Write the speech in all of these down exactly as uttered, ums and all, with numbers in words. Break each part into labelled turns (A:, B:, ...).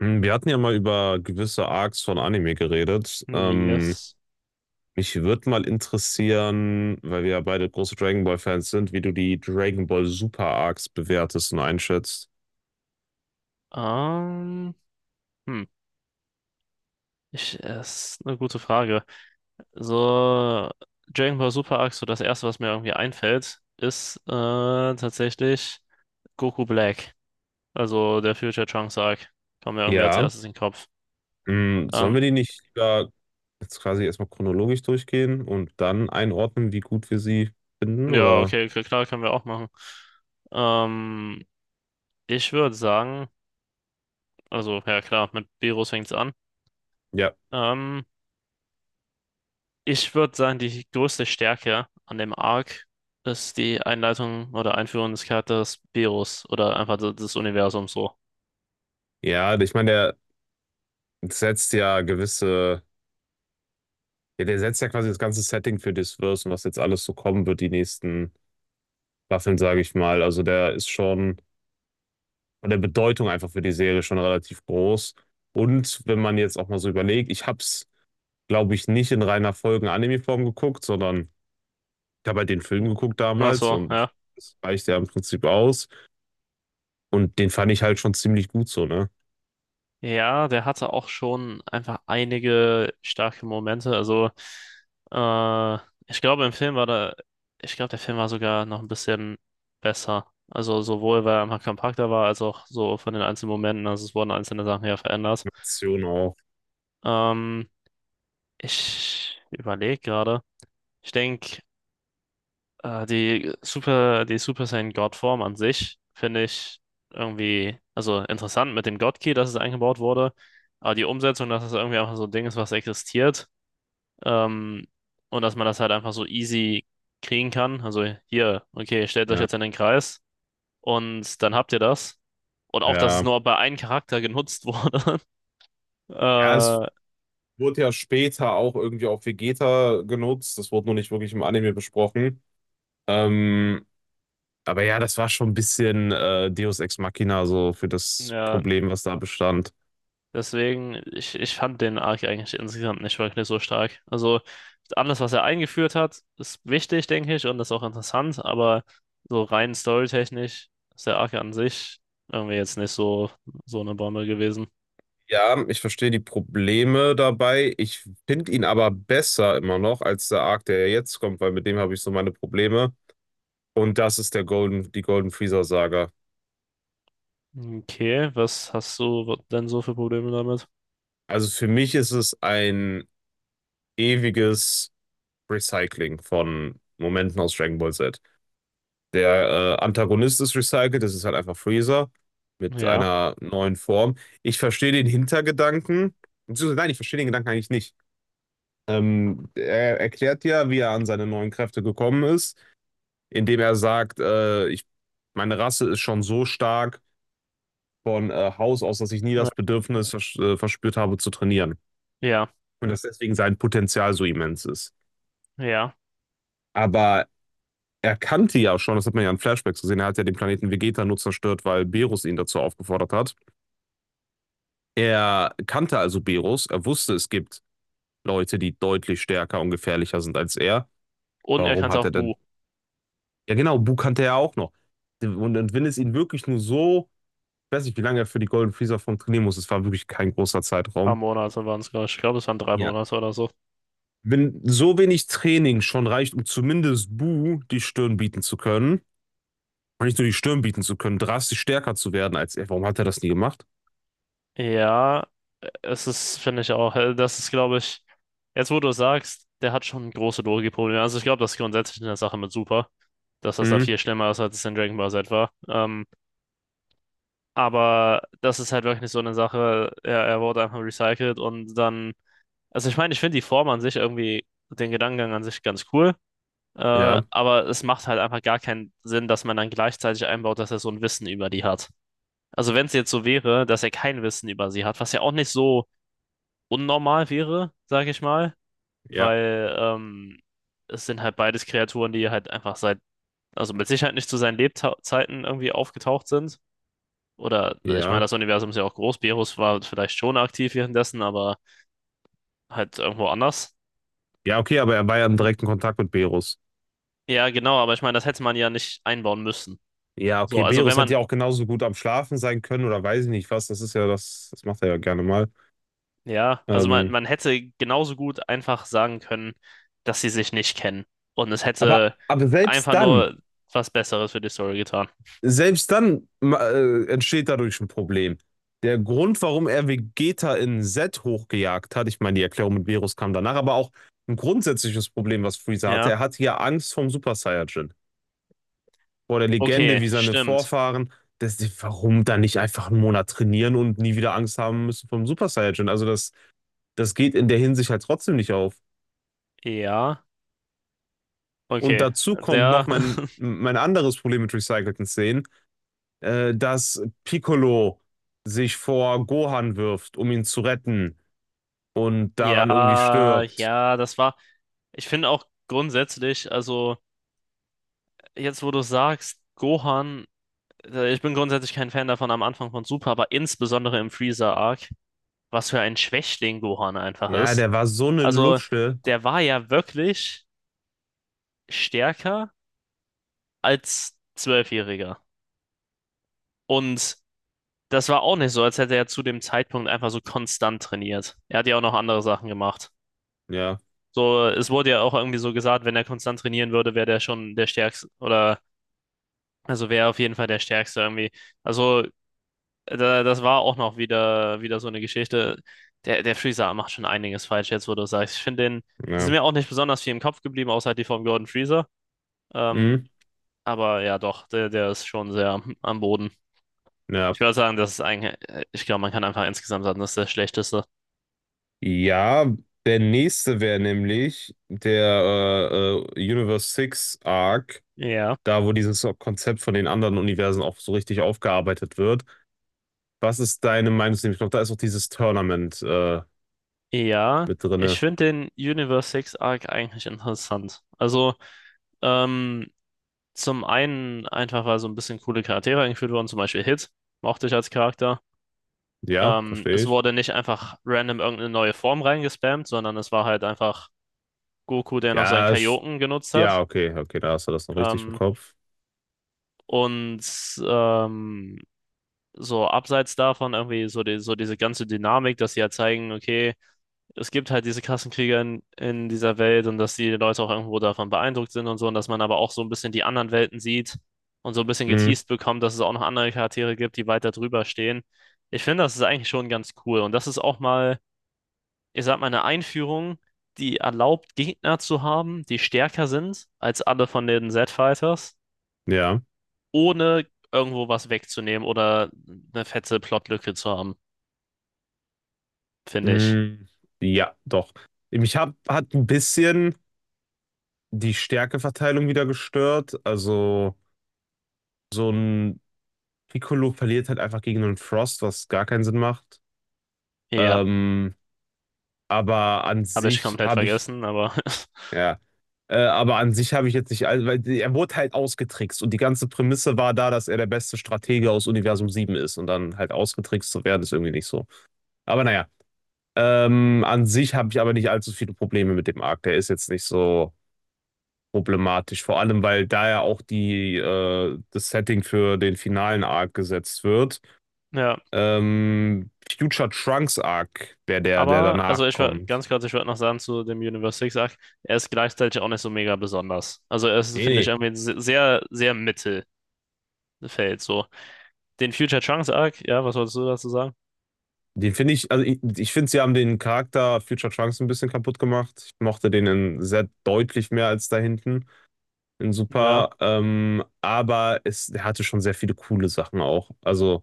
A: Hm, Wir hatten ja mal über gewisse Arcs von Anime geredet. Ähm,
B: Yes.
A: mich würde mal interessieren, weil wir ja beide große Dragon Ball Fans sind, wie du die Dragon Ball Super Arcs bewertest und einschätzt.
B: Ähm, hm. Ich, äh, ist eine gute Frage. So, Dragon Ball Super Arc, so das erste, was mir irgendwie einfällt, ist äh, tatsächlich Goku Black. Also der Future Trunks Arc. Kommt mir irgendwie als
A: Ja,
B: erstes in den Kopf.
A: hm, sollen
B: Ähm,
A: wir die nicht lieber jetzt quasi erstmal chronologisch durchgehen und dann einordnen, wie gut wir sie finden,
B: ja,
A: oder?
B: okay, k- klar, können wir auch machen. Ähm, ich würde sagen, also ja klar, mit Beerus fängt's an.
A: Ja.
B: Ähm, Ich würde sagen, die größte Stärke an dem Arc ist die Einleitung oder Einführung des Charakters Beerus oder einfach des, des Universums so.
A: Ja, ich meine, der setzt ja gewisse, ja, der setzt ja quasi das ganze Setting für das Verse und was jetzt alles so kommen wird, die nächsten Waffeln, sage ich mal. Also der ist schon von der Bedeutung einfach für die Serie schon relativ groß. Und wenn man jetzt auch mal so überlegt, ich habe es, glaube ich, nicht in reiner Folgen-Anime-Form geguckt, sondern ich habe halt den Film geguckt
B: Ach
A: damals
B: so,
A: und
B: ja.
A: das reicht ja im Prinzip aus. Und den fand ich halt schon ziemlich gut so, ne?
B: Ja, der hatte auch schon einfach einige starke Momente. Also, äh, ich glaube, im Film war da, ich glaube, der Film war sogar noch ein bisschen besser. Also, sowohl weil er einfach kompakter war, als auch so von den einzelnen Momenten. Also, es wurden einzelne Sachen ja verändert.
A: Aktion auch.
B: Ähm, ich überlege gerade. Ich denke. Äh, die Super, die Super Saiyan Godform an sich finde ich irgendwie, also interessant mit dem God Key, dass es eingebaut wurde, aber die Umsetzung, dass es irgendwie einfach so ein Ding ist, was existiert, ähm, und dass man das halt einfach so easy kriegen kann. Also hier, okay, stellt euch
A: Ja,
B: jetzt in den Kreis und dann habt ihr das. Und auch, dass es
A: ja.
B: nur bei einem Charakter genutzt wurde.
A: Ja, es
B: Äh,
A: wurde ja später auch irgendwie auf Vegeta genutzt. Das wurde nur nicht wirklich im Anime besprochen. Ähm, aber ja, das war schon ein bisschen äh, Deus Ex Machina so für das
B: ja.
A: Problem, was da bestand.
B: Deswegen, ich, ich fand den Arc eigentlich insgesamt nicht wirklich so stark. Also, alles, was er eingeführt hat, ist wichtig, denke ich, und ist auch interessant, aber so rein storytechnisch ist der Arc an sich irgendwie jetzt nicht so, so eine Bombe gewesen.
A: Ja, ich verstehe die Probleme dabei. Ich finde ihn aber besser immer noch als der Arc, der ja jetzt kommt, weil mit dem habe ich so meine Probleme. Und das ist der Golden, die Golden Freezer Saga.
B: Okay, was hast du denn so für Probleme damit?
A: Also für mich ist es ein ewiges Recycling von Momenten aus Dragon Ball Z. Der äh, Antagonist ist recycelt, das ist halt einfach Freezer mit
B: Ja,
A: einer neuen Form. Ich verstehe den Hintergedanken. Beziehungsweise, nein, ich verstehe den Gedanken eigentlich nicht. Ähm, er erklärt ja, wie er an seine neuen Kräfte gekommen ist, indem er sagt, äh, ich, meine Rasse ist schon so stark von äh, Haus aus, dass ich nie
B: ja,
A: das Bedürfnis vers äh, verspürt habe zu trainieren.
B: ja.
A: Und dass deswegen sein Potenzial so immens ist.
B: Ja.
A: Aber er kannte ja schon, das hat man ja in Flashbacks gesehen, er hat ja den Planeten Vegeta nur zerstört, weil Berus ihn dazu aufgefordert hat. Er kannte also Berus, er wusste, es gibt Leute, die deutlich stärker und gefährlicher sind als er.
B: Und er kann
A: Warum
B: es
A: hat
B: auch
A: er
B: Bu. Ein
A: denn? Ja, genau, Bu kannte er auch noch. Und, und wenn es ihn wirklich nur so — ich weiß nicht, wie lange er für die Golden Freezer Form trainieren muss. Es war wirklich kein großer
B: paar
A: Zeitraum.
B: Monate waren es, glaube ich. Ich glaube, es waren drei
A: Ja.
B: Monate oder so.
A: Wenn so wenig Training schon reicht, um zumindest Bu die Stirn bieten zu können, und nicht nur die Stirn bieten zu können, drastisch stärker zu werden als er. Warum hat er das nie gemacht?
B: Ja, es ist, finde ich auch, äh, das ist, glaube ich, jetzt wo du es sagst, der hat schon große Logikprobleme. Also ich glaube, das ist grundsätzlich in der Sache mit Super, dass das da
A: Hm,
B: viel schlimmer ist, als es in Dragon Ball Z war. Ähm, aber das ist halt wirklich so eine Sache, er, er wurde einfach recycelt und dann, also ich meine, ich finde die Form an sich irgendwie, den Gedankengang an sich ganz cool, äh,
A: ja,
B: aber es macht halt einfach gar keinen Sinn, dass man dann gleichzeitig einbaut, dass er so ein Wissen über die hat. Also wenn es jetzt so wäre, dass er kein Wissen über sie hat, was ja auch nicht so unnormal wäre, sage ich mal,
A: ja,
B: weil ähm, es sind halt beides Kreaturen, die halt einfach seit, also mit Sicherheit nicht zu seinen Lebzeiten irgendwie aufgetaucht sind. Oder äh, ich meine,
A: ja.
B: das Universum ist ja auch groß. Berus war vielleicht schon aktiv währenddessen, aber halt irgendwo anders.
A: Ja, okay, aber er war ja im
B: Und
A: direkten Kontakt mit Berus.
B: ja, genau, aber ich meine, das hätte man ja nicht einbauen müssen.
A: Ja,
B: So,
A: okay,
B: also wenn
A: Berus
B: man,
A: hätte ja auch genauso gut am Schlafen sein können oder weiß ich nicht was. Das ist ja das, das macht er ja gerne mal.
B: ja, also man,
A: Ähm,
B: man hätte genauso gut einfach sagen können, dass sie sich nicht kennen. Und es
A: aber,
B: hätte
A: aber selbst
B: einfach
A: dann.
B: nur was Besseres für die Story getan.
A: Selbst dann äh, entsteht dadurch ein Problem. Der Grund, warum er Vegeta in Z hochgejagt hat, ich meine, die Erklärung mit Beerus kam danach, aber auch ein grundsätzliches Problem, was Freezer hatte.
B: Ja.
A: Er hatte ja Angst vom Super Saiyajin, vor der Legende
B: Okay,
A: wie seine
B: stimmt.
A: Vorfahren. Das, warum dann nicht einfach einen Monat trainieren und nie wieder Angst haben müssen vom Super Saiyajin? Also das, das geht in der Hinsicht halt trotzdem nicht auf.
B: Ja,
A: Und
B: okay.
A: dazu kommt
B: Der,
A: noch mein, mein anderes Problem mit recycelten Szenen. äh, dass Piccolo sich vor Gohan wirft, um ihn zu retten und daran irgendwie
B: ja,
A: stirbt.
B: ja, das war, ich finde auch grundsätzlich, also jetzt wo du sagst, Gohan, äh, ich bin grundsätzlich kein Fan davon am Anfang von Super, aber insbesondere im Freezer-Arc, was für ein Schwächling Gohan einfach
A: Ja,
B: ist.
A: der war so eine
B: Also,
A: Lusche.
B: der war ja wirklich stärker als Zwölfjähriger. Und das war auch nicht so, als hätte er zu dem Zeitpunkt einfach so konstant trainiert. Er hat ja auch noch andere Sachen gemacht.
A: Ja,
B: So, es wurde ja auch irgendwie so gesagt, wenn er konstant trainieren würde, wäre der schon der Stärkste oder also wäre auf jeden Fall der Stärkste irgendwie. Also da, das war auch noch wieder, wieder so eine Geschichte. Der, der Freezer macht schon einiges falsch jetzt, wo du sagst. Ich finde den, es ist
A: ja.
B: mir auch nicht besonders viel im Kopf geblieben, außer halt die vom Gordon Freezer. Ähm,
A: Mhm.
B: aber ja, doch, der, der ist schon sehr am- Boden.
A: Ja.
B: Ich würde sagen, das ist eigentlich, ich glaube, man kann einfach insgesamt sagen, das ist der schlechteste.
A: Ja, der nächste wäre nämlich der äh, äh, Universe sechs Arc,
B: Ja.
A: da wo dieses Konzept von den anderen Universen auch so richtig aufgearbeitet wird. Was ist deine Meinung? Ich glaube, da ist auch dieses Tournament äh,
B: Ja,
A: mit
B: ich
A: drinne.
B: finde den Universe sechs Arc eigentlich interessant. Also, Ähm, zum einen einfach, weil so ein bisschen coole Charaktere eingeführt wurden, zum Beispiel Hit, mochte ich als Charakter.
A: Ja,
B: Ähm,
A: verstehe
B: es
A: ich.
B: wurde nicht einfach random irgendeine neue Form reingespammt, sondern es war halt einfach Goku, der noch seinen
A: Ja, sch-
B: Kaioken genutzt
A: ja,
B: hat.
A: okay, okay, da hast du das noch richtig im
B: Ähm,
A: Kopf.
B: und ähm, so abseits davon irgendwie so, die, so diese ganze Dynamik, dass sie ja halt zeigen, okay, es gibt halt diese Kassenkriege in, in dieser Welt und dass die Leute auch irgendwo davon beeindruckt sind und so und dass man aber auch so ein bisschen die anderen Welten sieht und so ein bisschen
A: Mhm,
B: geteased bekommt, dass es auch noch andere Charaktere gibt, die weiter drüber stehen. Ich finde, das ist eigentlich schon ganz cool und das ist auch mal, ich sag mal, eine Einführung, die erlaubt, Gegner zu haben, die stärker sind als alle von den Z-Fighters,
A: ja,
B: ohne irgendwo was wegzunehmen oder eine fette Plotlücke zu haben, finde ich.
A: mhm, ja, doch. Mich hab, hat ein bisschen die Stärkeverteilung wieder gestört. Also, so ein Piccolo verliert halt einfach gegen einen Frost, was gar keinen Sinn macht.
B: Ja,
A: Ähm, aber an
B: habe ich
A: sich
B: komplett
A: habe ich,
B: vergessen, aber
A: ja, äh, aber an sich habe ich jetzt nicht, all- weil die- er wurde halt ausgetrickst und die ganze Prämisse war da, dass er der beste Stratege aus Universum sieben ist und dann halt ausgetrickst zu werden, ist irgendwie nicht so. Aber naja. Ähm, an sich habe ich aber nicht allzu viele Probleme mit dem Arc. Der ist jetzt nicht so problematisch. Vor allem, weil da ja auch die, äh, das Setting für den finalen Arc gesetzt wird.
B: ja.
A: Ähm, Future Trunks Arc wäre der, der
B: Aber, also
A: danach
B: ich würde
A: kommt.
B: ganz kurz, ich würde noch sagen zu dem Universe Six-Arc, er ist gleichzeitig auch nicht so mega besonders. Also er ist,
A: Nee,
B: finde ich,
A: nee.
B: irgendwie ein se- sehr, sehr Mittelfeld so. Den Future Trunks-Arc, ja, was wolltest du dazu sagen?
A: Den finde ich, also ich, ich finde, sie haben den Charakter Future Trunks ein bisschen kaputt gemacht. Ich mochte den in sehr deutlich mehr als da hinten in
B: Ja,
A: Super. Ähm, aber es, er hatte schon sehr viele coole Sachen auch. Also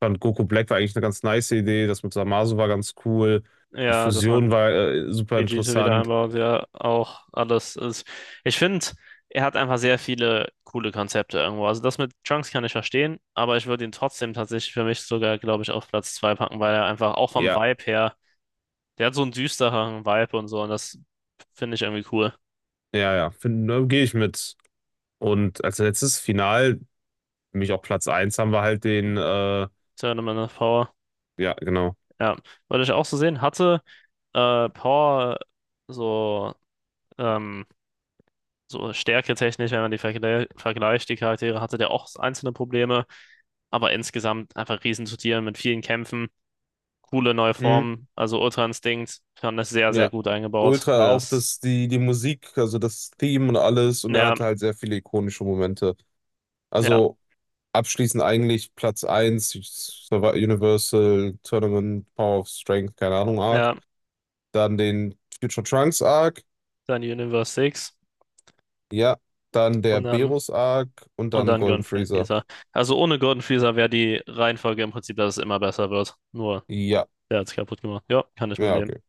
A: fand Goku Black war eigentlich eine ganz nice Idee. Das mit Zamasu war ganz cool. Die
B: ja, dass
A: Fusion
B: man
A: war äh, super
B: Vegeta wieder
A: interessant.
B: einbaut, ja, auch alles ist. Ich finde, er hat einfach sehr viele coole Konzepte irgendwo. Also das mit Trunks kann ich verstehen, aber ich würde ihn trotzdem tatsächlich für mich sogar, glaube ich, auf Platz zwei packen, weil er einfach auch vom
A: Ja,
B: Vibe her, der hat so einen düsteren Vibe und so und das finde ich irgendwie cool.
A: ja, ja. Find- Ne, gehe ich mit. Und als letztes Final, für mich auch Platz eins, haben wir halt den, äh,
B: Tournament of Power.
A: ja, genau.
B: Ja, wollte ich auch so sehen. Hatte äh, Power so, ähm, so stärketechnisch, wenn man die vergle vergleicht, die Charaktere, hatte der auch einzelne Probleme, aber insgesamt einfach riesen zu Tieren mit vielen Kämpfen, coole neue
A: Mhm.
B: Formen, also Ultra Instinct, fand das sehr, sehr
A: Ja.
B: gut eingebaut.
A: Ultra auch,
B: Das,
A: dass die, die Musik, also das Theme und alles, und er
B: ja,
A: hatte halt sehr viele ikonische Momente.
B: ja,
A: Also abschließend eigentlich Platz eins, Survi- Universal Tournament, Power of Strength, keine Ahnung, Arc.
B: ja,
A: Dann den Future Trunks Arc,
B: dann Universe sechs
A: ja, dann der
B: und dann
A: Berus Arc und
B: und
A: dann
B: dann
A: Golden
B: Golden
A: Freezer.
B: Freezer. Also ohne Golden Freezer wäre die Reihenfolge im Prinzip, dass es immer besser wird. Nur
A: Ja,
B: der hat es kaputt gemacht. Ja, kann ich mit
A: ja, okay.
B: leben.